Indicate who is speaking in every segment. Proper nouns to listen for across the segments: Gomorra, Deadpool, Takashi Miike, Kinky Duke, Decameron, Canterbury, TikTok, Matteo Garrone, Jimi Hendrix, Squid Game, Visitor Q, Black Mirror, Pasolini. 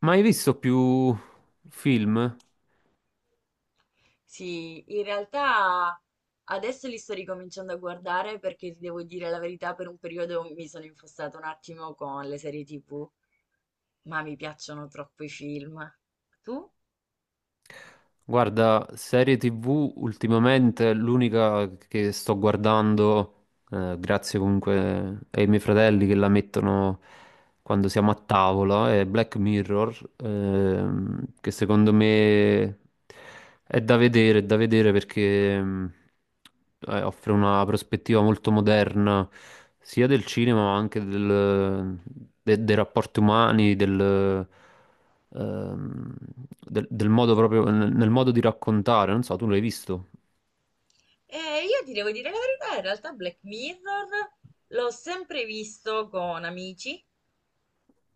Speaker 1: Ma hai visto più film?
Speaker 2: Sì, in realtà adesso li sto ricominciando a guardare perché ti devo dire la verità, per un periodo mi sono infossata un attimo con le serie TV, ma mi piacciono troppo i film. Tu?
Speaker 1: Guarda, serie TV ultimamente l'unica che sto guardando, grazie comunque ai miei fratelli che la mettono quando siamo a tavola, è Black Mirror, che secondo me è da vedere perché offre una prospettiva molto moderna sia del cinema ma anche dei rapporti umani, ehm, del modo proprio, nel modo di raccontare. Non so, tu l'hai visto?
Speaker 2: Io ti devo dire la verità, in realtà Black Mirror l'ho sempre visto con amici,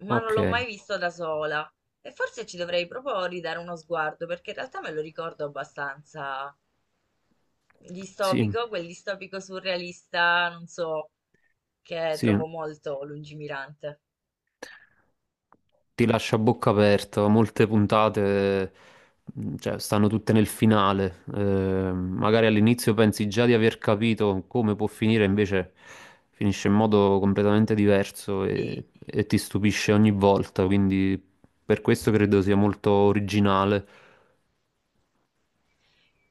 Speaker 2: ma non
Speaker 1: Ok,
Speaker 2: l'ho mai visto da sola. E forse ci dovrei proprio ridare uno sguardo perché in realtà me lo ricordo abbastanza
Speaker 1: sì,
Speaker 2: distopico, quel distopico surrealista, non so. Che
Speaker 1: sì.
Speaker 2: trovo molto lungimirante.
Speaker 1: Ti lascia a bocca aperta. Molte puntate, cioè, stanno tutte nel finale. Magari all'inizio pensi già di aver capito come può finire, invece finisce in modo completamente diverso
Speaker 2: Sì,
Speaker 1: e ti stupisce ogni volta. Quindi per questo credo sia molto originale.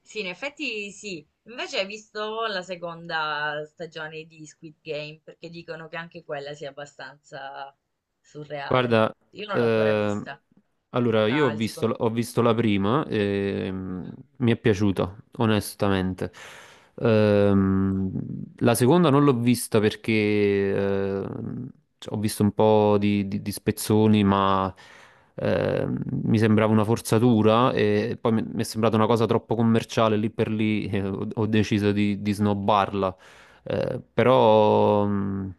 Speaker 2: sì, in effetti sì. Invece hai visto la seconda stagione di Squid Game, perché dicono che anche quella sia abbastanza surreale.
Speaker 1: Guarda,
Speaker 2: Io non l'ho ancora
Speaker 1: ehm,
Speaker 2: vista,
Speaker 1: allora
Speaker 2: la, il secondo...
Speaker 1: ho visto la prima
Speaker 2: Mhm,
Speaker 1: mi è piaciuta, onestamente. Ehm, la seconda non l'ho vista perché cioè, ho visto un po' di spezzoni, ma mi sembrava una forzatura e poi mi è sembrata una cosa troppo commerciale, lì per lì ho deciso di snobbarla. Eh, però,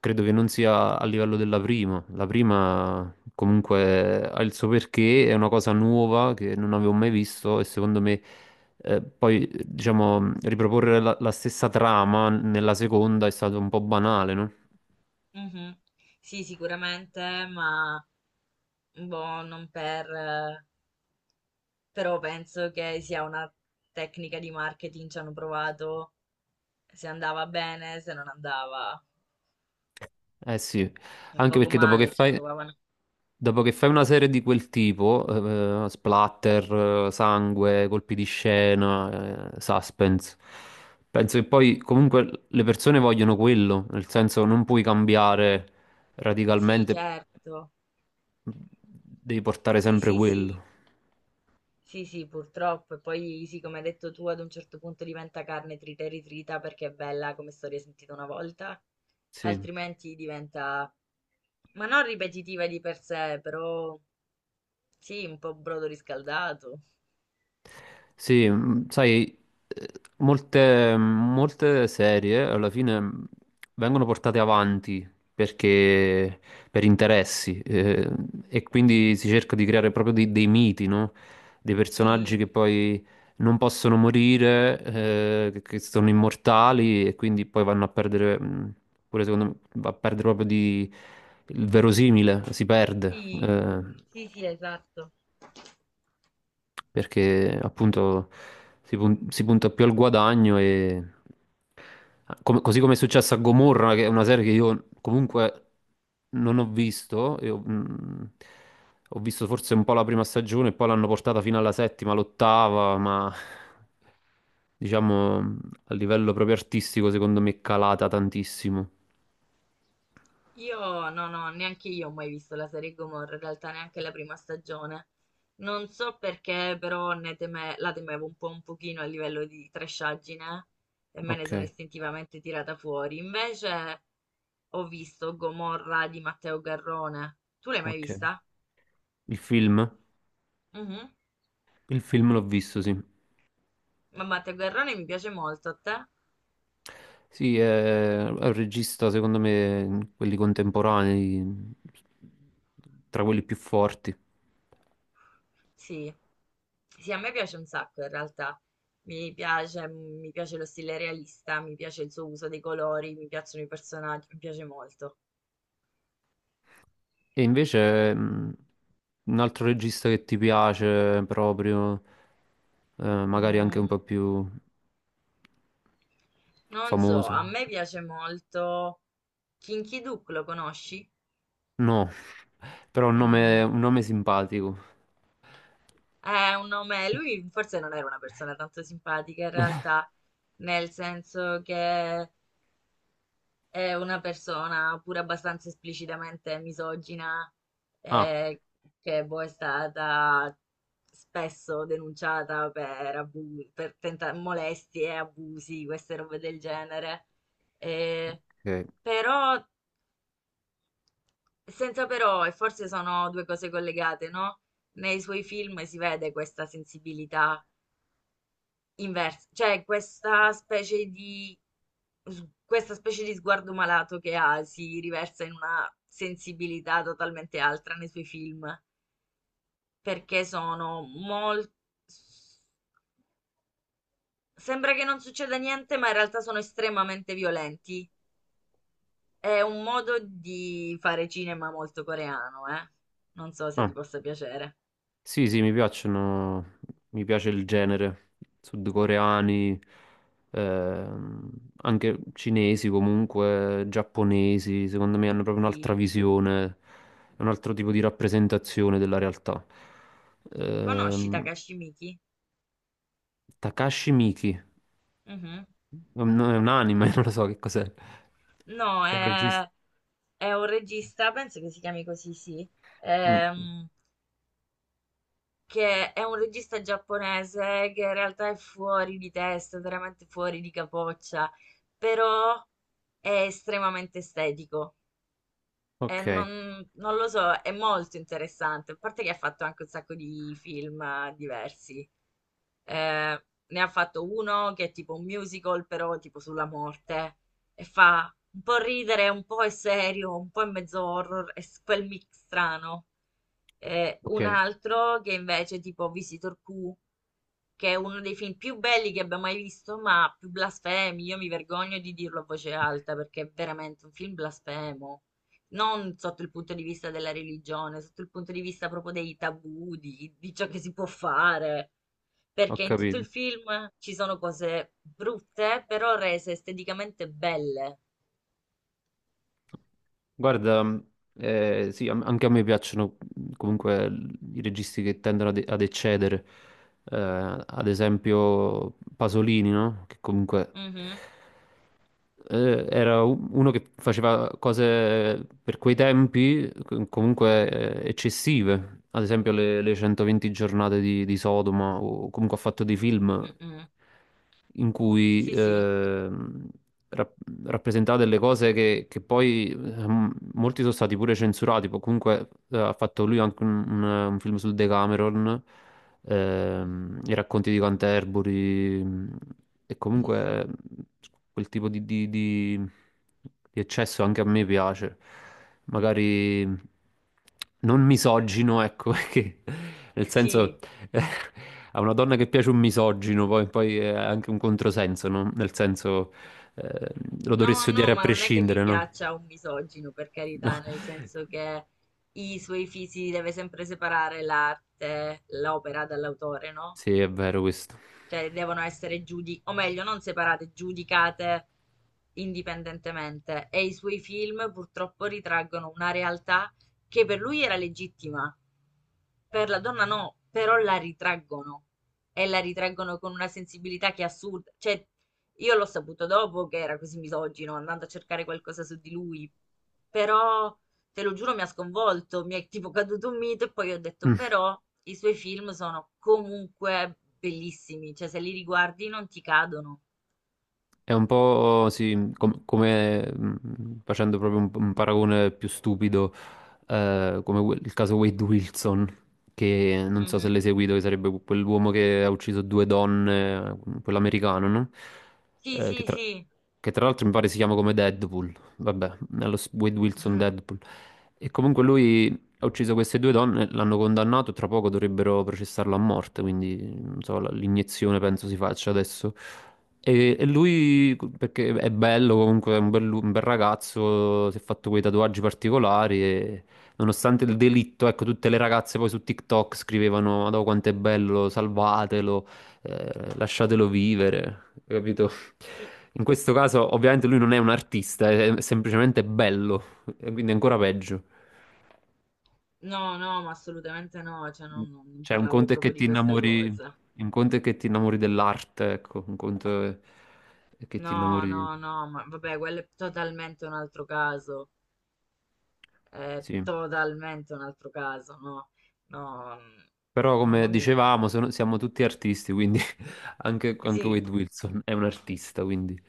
Speaker 1: credo che non sia a livello della prima. La prima comunque ha il suo perché, è una cosa nuova che non avevo mai visto e secondo me poi diciamo riproporre la stessa trama nella seconda è stato un po' banale, no?
Speaker 2: mhm. Sì, sicuramente, ma boh, non per... però penso che sia una tecnica di marketing, ci hanno provato, se andava bene, se non andava
Speaker 1: Eh sì,
Speaker 2: un
Speaker 1: anche
Speaker 2: poco
Speaker 1: perché dopo che
Speaker 2: male, ci
Speaker 1: fai...
Speaker 2: provavano.
Speaker 1: Dopo che fai una serie di quel tipo, splatter, sangue, colpi di scena, suspense, penso che poi comunque le persone vogliono quello, nel senso non puoi cambiare
Speaker 2: Sì,
Speaker 1: radicalmente,
Speaker 2: certo.
Speaker 1: devi portare
Speaker 2: Sì,
Speaker 1: sempre
Speaker 2: sì, sì.
Speaker 1: quello.
Speaker 2: Sì, sì, purtroppo. E poi, sì, come hai detto tu, ad un certo punto diventa carne trita e ritrita perché è bella come storia sentita una volta,
Speaker 1: Sì.
Speaker 2: altrimenti diventa, ma non ripetitiva di per sé, però sì, un po' brodo riscaldato.
Speaker 1: Sì, sai, eh, molte serie alla fine vengono portate avanti perché per interessi e quindi si cerca di creare proprio dei miti, no? Dei personaggi
Speaker 2: Sì,
Speaker 1: che poi non possono morire, che sono immortali e quindi poi vanno a perdere, pure secondo me, va a perdere proprio di, il verosimile, si perde.
Speaker 2: sì, sì, sì, esatto.
Speaker 1: Perché appunto si punta più al guadagno e così come è successo a Gomorra, che è una serie che io comunque non ho visto, ho visto forse un po' la prima stagione, e poi l'hanno portata fino alla settima, l'ottava, ma diciamo a livello proprio artistico secondo me è calata tantissimo.
Speaker 2: Io no, no, neanche io ho mai visto la serie Gomorra, in realtà neanche la prima stagione. Non so perché, però ne teme- la temevo un po' un pochino a livello di trashaggine e me ne
Speaker 1: Ok,
Speaker 2: sono istintivamente tirata fuori. Invece ho visto Gomorra di Matteo Garrone. Tu l'hai mai
Speaker 1: ok.
Speaker 2: vista?
Speaker 1: Il film?
Speaker 2: Mhm.
Speaker 1: Il film l'ho visto, sì.
Speaker 2: Ma Matteo Garrone mi piace molto, a te?
Speaker 1: Sì, è un regista, secondo me, quelli contemporanei, tra quelli più forti.
Speaker 2: Sì. Sì, a me piace un sacco in realtà. Mi piace, mi piace lo stile realista, mi piace il suo uso dei colori, mi piacciono i personaggi, mi piace molto.
Speaker 1: E invece, un altro regista che ti piace proprio, magari anche un
Speaker 2: Mm,
Speaker 1: po' più
Speaker 2: non so,
Speaker 1: famoso.
Speaker 2: a me piace molto Kinky Duke, lo conosci?
Speaker 1: No, però
Speaker 2: Mm,
Speaker 1: un nome simpatico.
Speaker 2: è un nome, lui forse non era una persona tanto simpatica in realtà, nel senso che è una persona pure abbastanza esplicitamente misogina,
Speaker 1: Ah,
Speaker 2: eh, che boh, è stata spesso denunciata per, abu- per tenta- molestie, abusi, queste robe del genere. Eh,
Speaker 1: ok.
Speaker 2: però, senza però, e forse sono due cose collegate, no? Nei suoi film si vede questa sensibilità inverso, cioè questa specie di questa specie di sguardo malato che ha si riversa in una sensibilità totalmente altra nei suoi film, perché sono molto. Sembra che non succeda niente, ma in realtà sono estremamente violenti. È un modo di fare cinema molto coreano, eh. Non so se ti
Speaker 1: Ah.
Speaker 2: possa piacere.
Speaker 1: Sì, sì, mi piacciono, mi piace il genere, sudcoreani, ehm, anche cinesi comunque, giapponesi, secondo me hanno proprio un'altra
Speaker 2: Sì.
Speaker 1: visione, un altro tipo di rappresentazione della realtà.
Speaker 2: Conosci
Speaker 1: Ehm,
Speaker 2: Takashi Miike?
Speaker 1: Takashi Miike,
Speaker 2: Mhm.
Speaker 1: è un anime, non lo so che cos'è.
Speaker 2: No,
Speaker 1: È un regista.
Speaker 2: è. È un regista, penso che si chiami così, sì,
Speaker 1: Mm,
Speaker 2: ehm, che è un regista giapponese che in realtà è fuori di testa, veramente fuori di capoccia, però è estremamente estetico. E
Speaker 1: ok,
Speaker 2: non, non lo so, è molto interessante, a parte che ha fatto anche un sacco di film diversi. Ne ha fatto uno che è tipo un musical, però tipo sulla morte. E fa un po' ridere, un po' è serio, un po' è mezzo horror, è quel mix strano.
Speaker 1: ok,
Speaker 2: Un altro che invece è tipo Visitor Q, che è uno dei film più belli che abbia mai visto, ma più blasfemi. Io mi vergogno di dirlo a voce alta perché è veramente un film blasfemo non sotto il punto di vista della religione, sotto il punto di vista proprio dei tabù, di ciò che si può fare.
Speaker 1: ho
Speaker 2: Perché in tutto il
Speaker 1: capito.
Speaker 2: film ci sono cose brutte, però rese esteticamente belle.
Speaker 1: Guarda, sì, anche a me piacciono comunque i registi che tendono ad eccedere. Ad esempio Pasolini, no? Che comunque
Speaker 2: Mhm,
Speaker 1: era uno che faceva cose per quei tempi comunque eccessive, ad esempio le 120 giornate di Sodoma, o comunque ha fatto dei film
Speaker 2: mm-mm.
Speaker 1: in cui
Speaker 2: Sì, sì.
Speaker 1: rap- rappresentava delle cose che poi molti sono stati pure censurati, poi comunque ha fatto lui anche un film sul Decameron,
Speaker 2: Mhm.
Speaker 1: i racconti di Canterbury, mh, e
Speaker 2: Sì,
Speaker 1: comunque
Speaker 2: sì.
Speaker 1: mh, quel tipo di eccesso anche a me piace, magari non misogino, ecco, perché nel
Speaker 2: Sì.
Speaker 1: senso eh, a una donna che piace un misogino poi, poi è anche un controsenso, no? Nel senso eh, lo
Speaker 2: No,
Speaker 1: dovresti odiare
Speaker 2: no,
Speaker 1: a
Speaker 2: ma non è che mi
Speaker 1: prescindere, no?
Speaker 2: piaccia un misogino, per
Speaker 1: No.
Speaker 2: carità, nel senso che i suoi fisi deve sempre separare l'arte, l'opera dall'autore, no?
Speaker 1: Sì, è vero questo.
Speaker 2: Cioè devono essere giudi o meglio, non separate, giudicate indipendentemente. E i suoi film purtroppo ritraggono una realtà che per lui era legittima, per la donna no, però la ritraggono e la ritraggono con una sensibilità che è assurda. Cioè, io l'ho saputo dopo che era così misogino, andando a cercare qualcosa su di lui, però te lo giuro, mi ha sconvolto, mi è tipo caduto un mito e poi ho detto, però i suoi film sono comunque bellissimi, cioè se li riguardi non ti cadono.
Speaker 1: È un po' sì, come facendo proprio un paragone più stupido, come il caso Wade Wilson, che non so se
Speaker 2: Mhm.
Speaker 1: l'hai seguito, che sarebbe quell'uomo che ha ucciso due donne, quell'americano, no?
Speaker 2: Sì,
Speaker 1: Eh, che
Speaker 2: sì,
Speaker 1: tra,
Speaker 2: sì.
Speaker 1: che tra l'altro mi pare si chiama come Deadpool, vabbè, Wade Wilson Deadpool. E comunque lui ha ucciso queste due donne, l'hanno condannato, tra poco dovrebbero processarlo a morte, quindi non so, l'iniezione penso si faccia adesso. E lui, perché è bello, comunque è un bel ragazzo, si è fatto quei tatuaggi particolari e nonostante il delitto, ecco, tutte le ragazze poi su TikTok scrivevano: "Madò quanto è bello, salvatelo, lasciatelo vivere", capito?
Speaker 2: Sì.
Speaker 1: In questo caso ovviamente lui non è un artista, è semplicemente bello, e quindi è ancora peggio.
Speaker 2: No, no, ma assolutamente no, cioè non, non
Speaker 1: Cioè, un
Speaker 2: parlavo
Speaker 1: conto è che
Speaker 2: proprio di
Speaker 1: ti
Speaker 2: questa
Speaker 1: innamori,
Speaker 2: cosa.
Speaker 1: un conto è che ti innamori dell'arte, ecco, un conto è che ti
Speaker 2: No,
Speaker 1: innamori,
Speaker 2: no, no, ma vabbè, quello è totalmente un altro caso, è
Speaker 1: sì.
Speaker 2: totalmente un altro caso, no, no,
Speaker 1: Però, come
Speaker 2: mamma mia,
Speaker 1: dicevamo, siamo tutti artisti, quindi anche, anche
Speaker 2: sì.
Speaker 1: Wade Wilson è un artista, quindi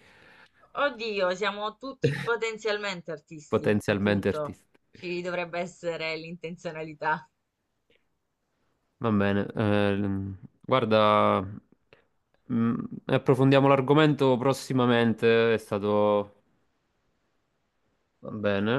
Speaker 2: Oddio, siamo tutti potenzialmente artisti,
Speaker 1: potenzialmente
Speaker 2: appunto.
Speaker 1: artista.
Speaker 2: Ci dovrebbe essere l'intenzionalità.
Speaker 1: Va bene, guarda, mm, approfondiamo l'argomento prossimamente, è stato... Va bene.